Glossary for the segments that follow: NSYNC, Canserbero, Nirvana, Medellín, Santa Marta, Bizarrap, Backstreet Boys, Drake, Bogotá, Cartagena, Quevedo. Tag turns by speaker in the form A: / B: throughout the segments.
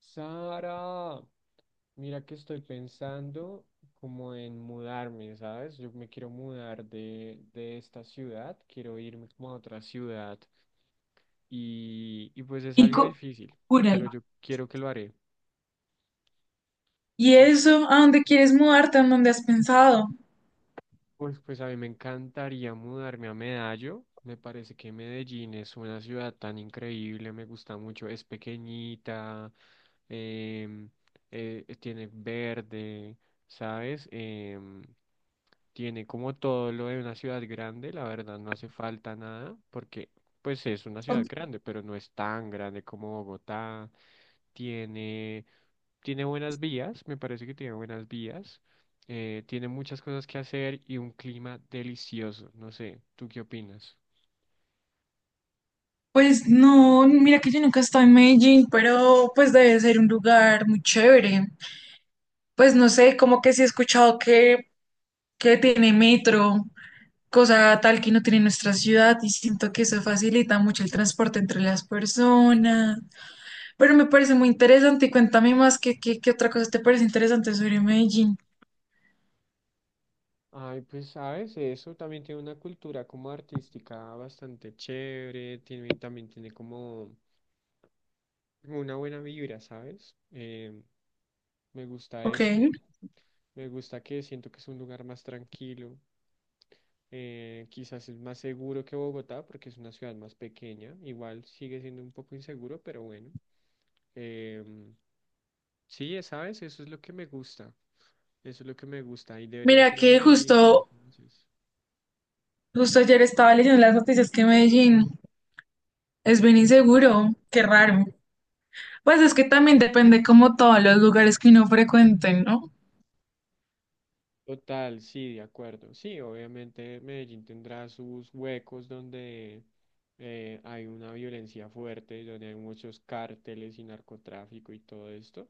A: Sara, mira que estoy pensando como en mudarme, ¿sabes? Yo me quiero mudar de esta ciudad, quiero irme como a otra ciudad y pues es
B: Y
A: algo
B: cu-
A: difícil, pero
B: Cúralo.
A: yo quiero que lo haré.
B: ¿Y eso? ¿A dónde quieres mudarte? ¿A dónde has pensado?
A: Pues a mí me encantaría mudarme a Medallo. Me parece que Medellín es una ciudad tan increíble, me gusta mucho. Es pequeñita, em, tiene verde, ¿sabes? Tiene como todo lo de una ciudad grande, la verdad no hace falta nada, porque pues es una ciudad
B: O-
A: grande, pero no es tan grande como Bogotá. Tiene tiene buenas vías, me parece que tiene buenas vías, tiene muchas cosas que hacer y un clima delicioso, no sé, ¿tú qué opinas?
B: Pues no, mira que yo nunca he estado en Medellín, pero pues debe ser un lugar muy chévere. Pues no sé, como que sí he escuchado que tiene metro, cosa tal que no tiene nuestra ciudad, y siento que eso facilita mucho el transporte entre las personas. Pero me parece muy interesante y cuéntame más qué otra cosa te parece interesante sobre Medellín.
A: Ay, pues sabes, eso también tiene una cultura como artística bastante chévere, también tiene como una buena vibra, ¿sabes? Me gusta
B: Ok.
A: eso. Me gusta que siento que es un lugar más tranquilo. Quizás es más seguro que Bogotá porque es una ciudad más pequeña. Igual sigue siendo un poco inseguro, pero bueno. Em, sí, ¿sabes? Eso es lo que me gusta. Eso es lo que me gusta. Y
B: Mira
A: deberías ir a
B: que
A: Medellín
B: justo
A: si no conoces.
B: Justo ayer estaba leyendo las noticias que Medellín es bien inseguro, qué raro. Pues es que también depende como todos los lugares que uno frecuente, ¿no?
A: Total, sí, de acuerdo. Sí, obviamente Medellín tendrá sus huecos donde hay una violencia fuerte, donde hay muchos cárteles y narcotráfico y todo esto,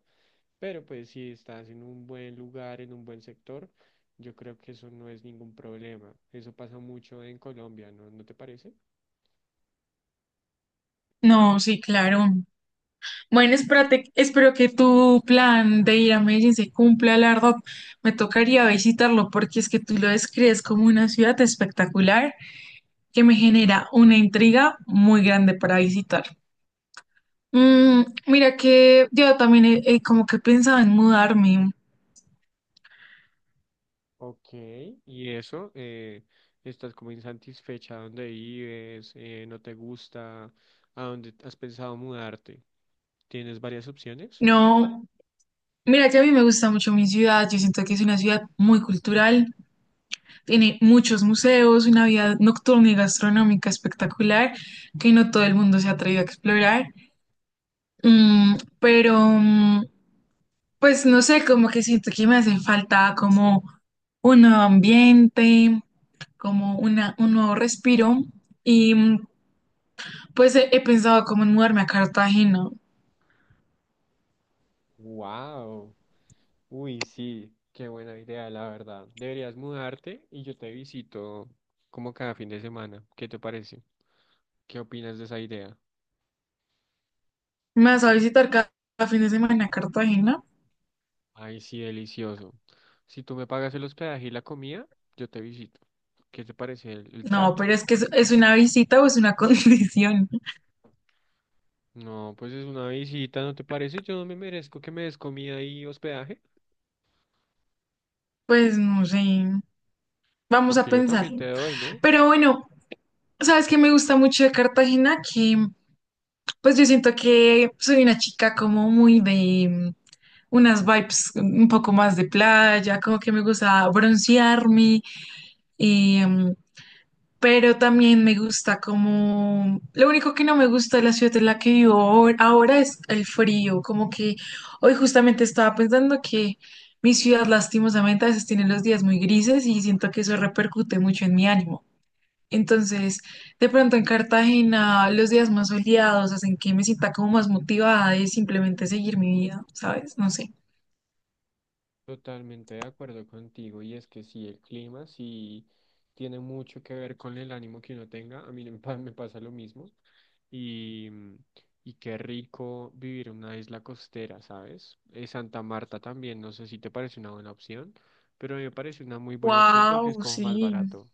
A: pero pues si estás en un buen lugar, en un buen sector, yo creo que eso no es ningún problema. Eso pasa mucho en Colombia, ¿no? ¿No te parece?
B: No, sí, claro. Bueno, espérate, espero que tu plan de ir a Medellín se cumpla, la verdad. Me tocaría visitarlo porque es que tú lo describes como una ciudad espectacular que me genera una intriga muy grande para visitar. Mm, mira que yo también he como que pensaba en mudarme.
A: Ok, y eso, estás como insatisfecha donde vives, no te gusta, ¿a dónde has pensado mudarte? ¿Tienes varias opciones?
B: No, mira que a mí me gusta mucho mi ciudad, yo siento que es una ciudad muy cultural, tiene muchos museos, una vida nocturna y gastronómica espectacular que no todo el mundo se ha atrevido a explorar. Mm, pero mm, pues no sé, como que siento que me hace falta como un nuevo ambiente, como un nuevo respiro y mm, pues he pensado como en mudarme a Cartagena.
A: Wow. Uy, sí, qué buena idea, la verdad. Deberías mudarte y yo te visito como cada fin de semana. ¿Qué te parece? ¿Qué opinas de esa idea?
B: ¿Me vas a visitar cada fin de semana a Cartagena?
A: Ay, sí, delicioso. Si tú me pagas el hospedaje y la comida, yo te visito. ¿Qué te parece el
B: No,
A: trato?
B: pero es que es una visita o es una condición.
A: No, pues es una visita, ¿no te parece? Yo no me merezco que me des comida y hospedaje,
B: Pues no sé, vamos a
A: porque yo también
B: pensarlo.
A: te doy, ¿no?
B: Pero bueno, sabes que me gusta mucho de Cartagena, que pues yo siento que soy una chica como muy de unas vibes un poco más de playa, como que me gusta broncearme, pero también me gusta como... Lo único que no me gusta de la ciudad en la que vivo ahora es el frío, como que hoy justamente estaba pensando que mi ciudad lastimosamente a veces tiene los días muy grises y siento que eso repercute mucho en mi ánimo. Entonces, de pronto en Cartagena los días más soleados hacen que me sienta como más motivada de simplemente seguir mi vida, ¿sabes? No sé.
A: Totalmente de acuerdo contigo, y es que sí, el clima sí tiene mucho que ver con el ánimo que uno tenga, a mí me pasa lo mismo, y, mm, y qué rico vivir en una isla costera, ¿sabes? Santa Marta también, no sé si te parece una buena opción, pero a mí me parece una muy buena opción porque es
B: Wow,
A: como más
B: sí.
A: barato.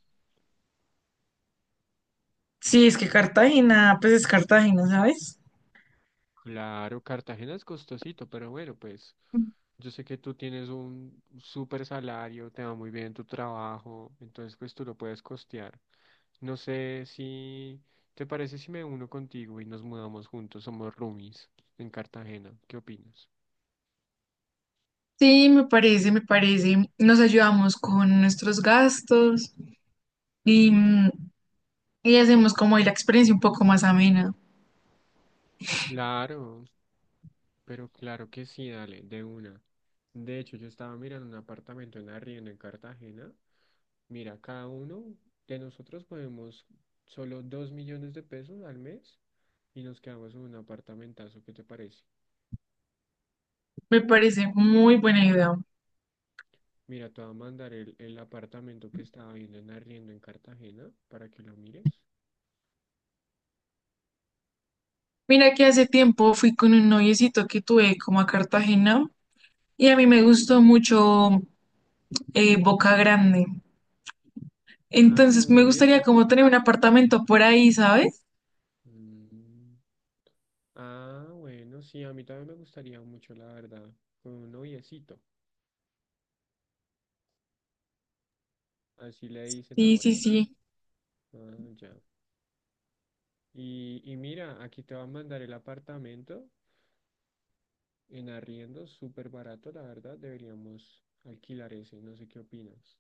B: Sí, es que Cartagena, pues es Cartagena, ¿sabes?
A: Claro, Cartagena es costosito, pero bueno, pues yo sé que tú tienes un súper salario, te va muy bien en tu trabajo, entonces pues tú lo puedes costear. No sé si te parece si me uno contigo y nos mudamos juntos, somos roomies en Cartagena. ¿Qué opinas?
B: Sí, me parece, me parece. Nos ayudamos con nuestros gastos y, mm, y hacemos como ahí la experiencia un poco más amena.
A: Claro, pero claro que sí, dale, de una. De hecho, yo estaba mirando un apartamento en arriendo en Cartagena. Mira, cada uno de nosotros podemos solo 2 millones de pesos al mes y nos quedamos en un apartamentazo. ¿Qué te parece?
B: Me parece muy buena idea.
A: Mira, te voy a mandar el apartamento que estaba viendo en arriendo en Cartagena para que lo mires.
B: Mira que hace tiempo fui con un noviecito que tuve como a Cartagena y a mí me gustó mucho Boca Grande.
A: Ah, con
B: Entonces
A: un
B: me gustaría
A: noviecito.
B: como tener un apartamento por ahí, ¿sabes?
A: Mm. Ah, bueno, sí, a mí también me gustaría mucho, la verdad, con un noviecito, así le dicen
B: Sí, sí,
A: ahora.
B: sí.
A: Ah, ya. Y mira, aquí te va a mandar el apartamento en arriendo, súper barato, la verdad, deberíamos alquilar ese, no sé qué opinas.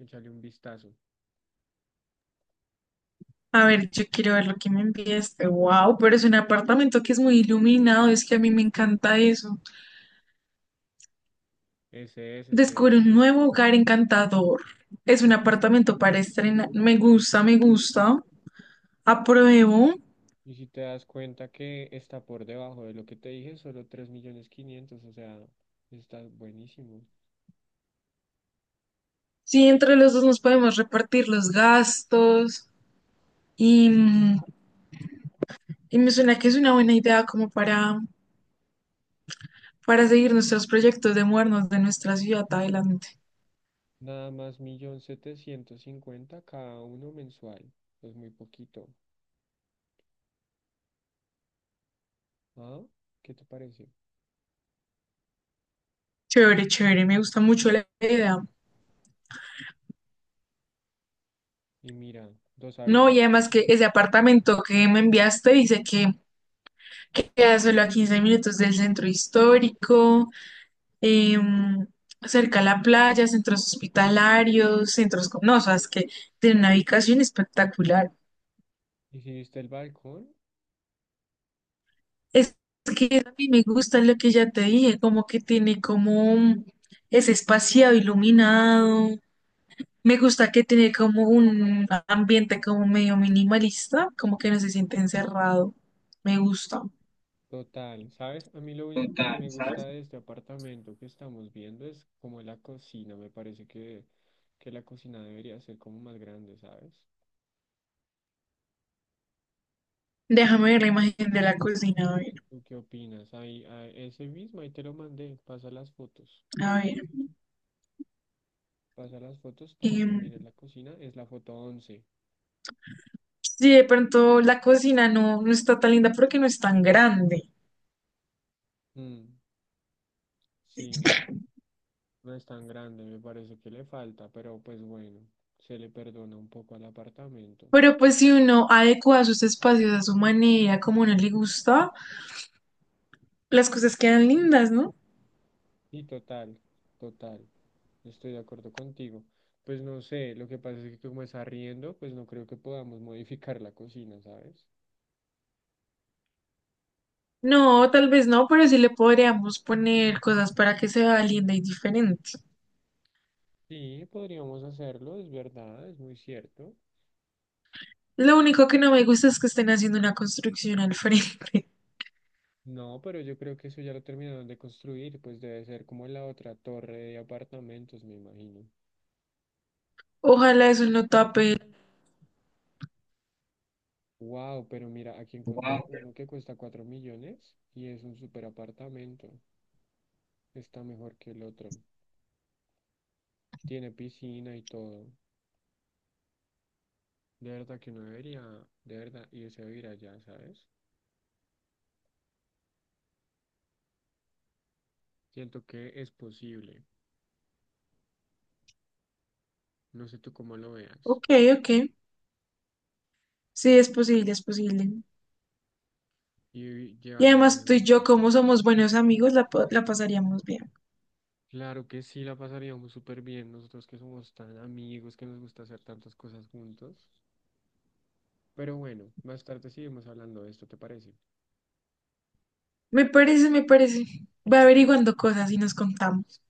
A: Échale un vistazo.
B: A ver, yo quiero ver lo que me enviaste. Wow, pero es un apartamento que es muy iluminado, es que a mí me encanta eso.
A: Ese es,
B: Descubre
A: ese es.
B: un nuevo hogar encantador. Es un apartamento para estrenar. Me gusta, me gusta. Apruebo.
A: Y si te das cuenta que está por debajo de lo que te dije, solo 3 millones 500, o sea, está buenísimo.
B: Sí, entre los dos nos podemos repartir los gastos. Y, mm, y me suena que es una buena idea como para seguir nuestros proyectos de mudarnos de nuestra ciudad adelante.
A: Nada más 1.750.000 cada uno mensual. Es muy poquito. ¿Ah? ¿Qué te parece?
B: Chévere, chévere. Me gusta mucho la idea.
A: Y mira, dos
B: No, y además
A: habitaciones.
B: que ese apartamento que me enviaste dice que queda solo a 15 minutos del centro histórico, em, cerca a la playa, centros hospitalarios, centros con... No, o sea, es que tiene una ubicación espectacular.
A: ¿Y si viste el balcón?
B: Es que a mí me gusta lo que ya te dije, como que tiene como es espaciado, iluminado. Me gusta que tiene como un ambiente como medio minimalista, como que no se siente encerrado. Me gusta.
A: Total, ¿sabes? A mí lo único que no me gusta de este apartamento que estamos viendo es como la cocina. Me parece que la cocina debería ser como más grande, ¿sabes?
B: Déjame ver la imagen de la cocina, a ver,
A: ¿Tú qué opinas? Ahí, ah, ese mismo, ahí te lo mandé. Pasa las fotos.
B: a ver.
A: Pasa las fotos para que
B: Em,
A: mires la cocina. Es la foto 11.
B: Si de pronto la cocina no está tan linda porque no es tan grande.
A: Mm, sí, no. No es tan grande, me parece que le falta, pero pues bueno, se le perdona un poco al apartamento.
B: Pero pues si uno adecua sus espacios a su manera, como no le gusta, las cosas quedan lindas, ¿no?
A: Y total, total, estoy de acuerdo contigo. Pues no sé, lo que pasa es que como es arriendo, pues no creo que podamos modificar la cocina, ¿sabes?
B: No, tal vez no, pero sí le podríamos poner cosas para que se vea linda y diferente.
A: Sí, podríamos hacerlo, es verdad, es muy cierto.
B: Lo único que no me gusta es que estén haciendo una construcción al frente.
A: No, pero yo creo que eso ya lo terminaron de construir, pues debe ser como la otra torre de apartamentos, me imagino.
B: Ojalá eso no tape.
A: Wow, pero mira, aquí encontré uno que cuesta 4 millones y es un super apartamento. Está mejor que el otro. Tiene piscina y todo. De verdad que uno debería, de verdad, irse a vivir allá, ¿sabes? Siento que es posible. No sé tú cómo lo veas.
B: Ok, ok. Sí, es posible, es posible.
A: Y
B: Y
A: llevar una
B: además
A: vida
B: tú y
A: más
B: yo, como
A: tranquila.
B: somos buenos amigos, la pasaríamos bien.
A: Claro que sí, la pasaríamos súper bien nosotros que somos tan amigos, que nos gusta hacer tantas cosas juntos. Pero bueno, más tarde seguimos hablando de esto, ¿te parece?
B: Me parece, me parece. Va averiguando cosas y nos contamos.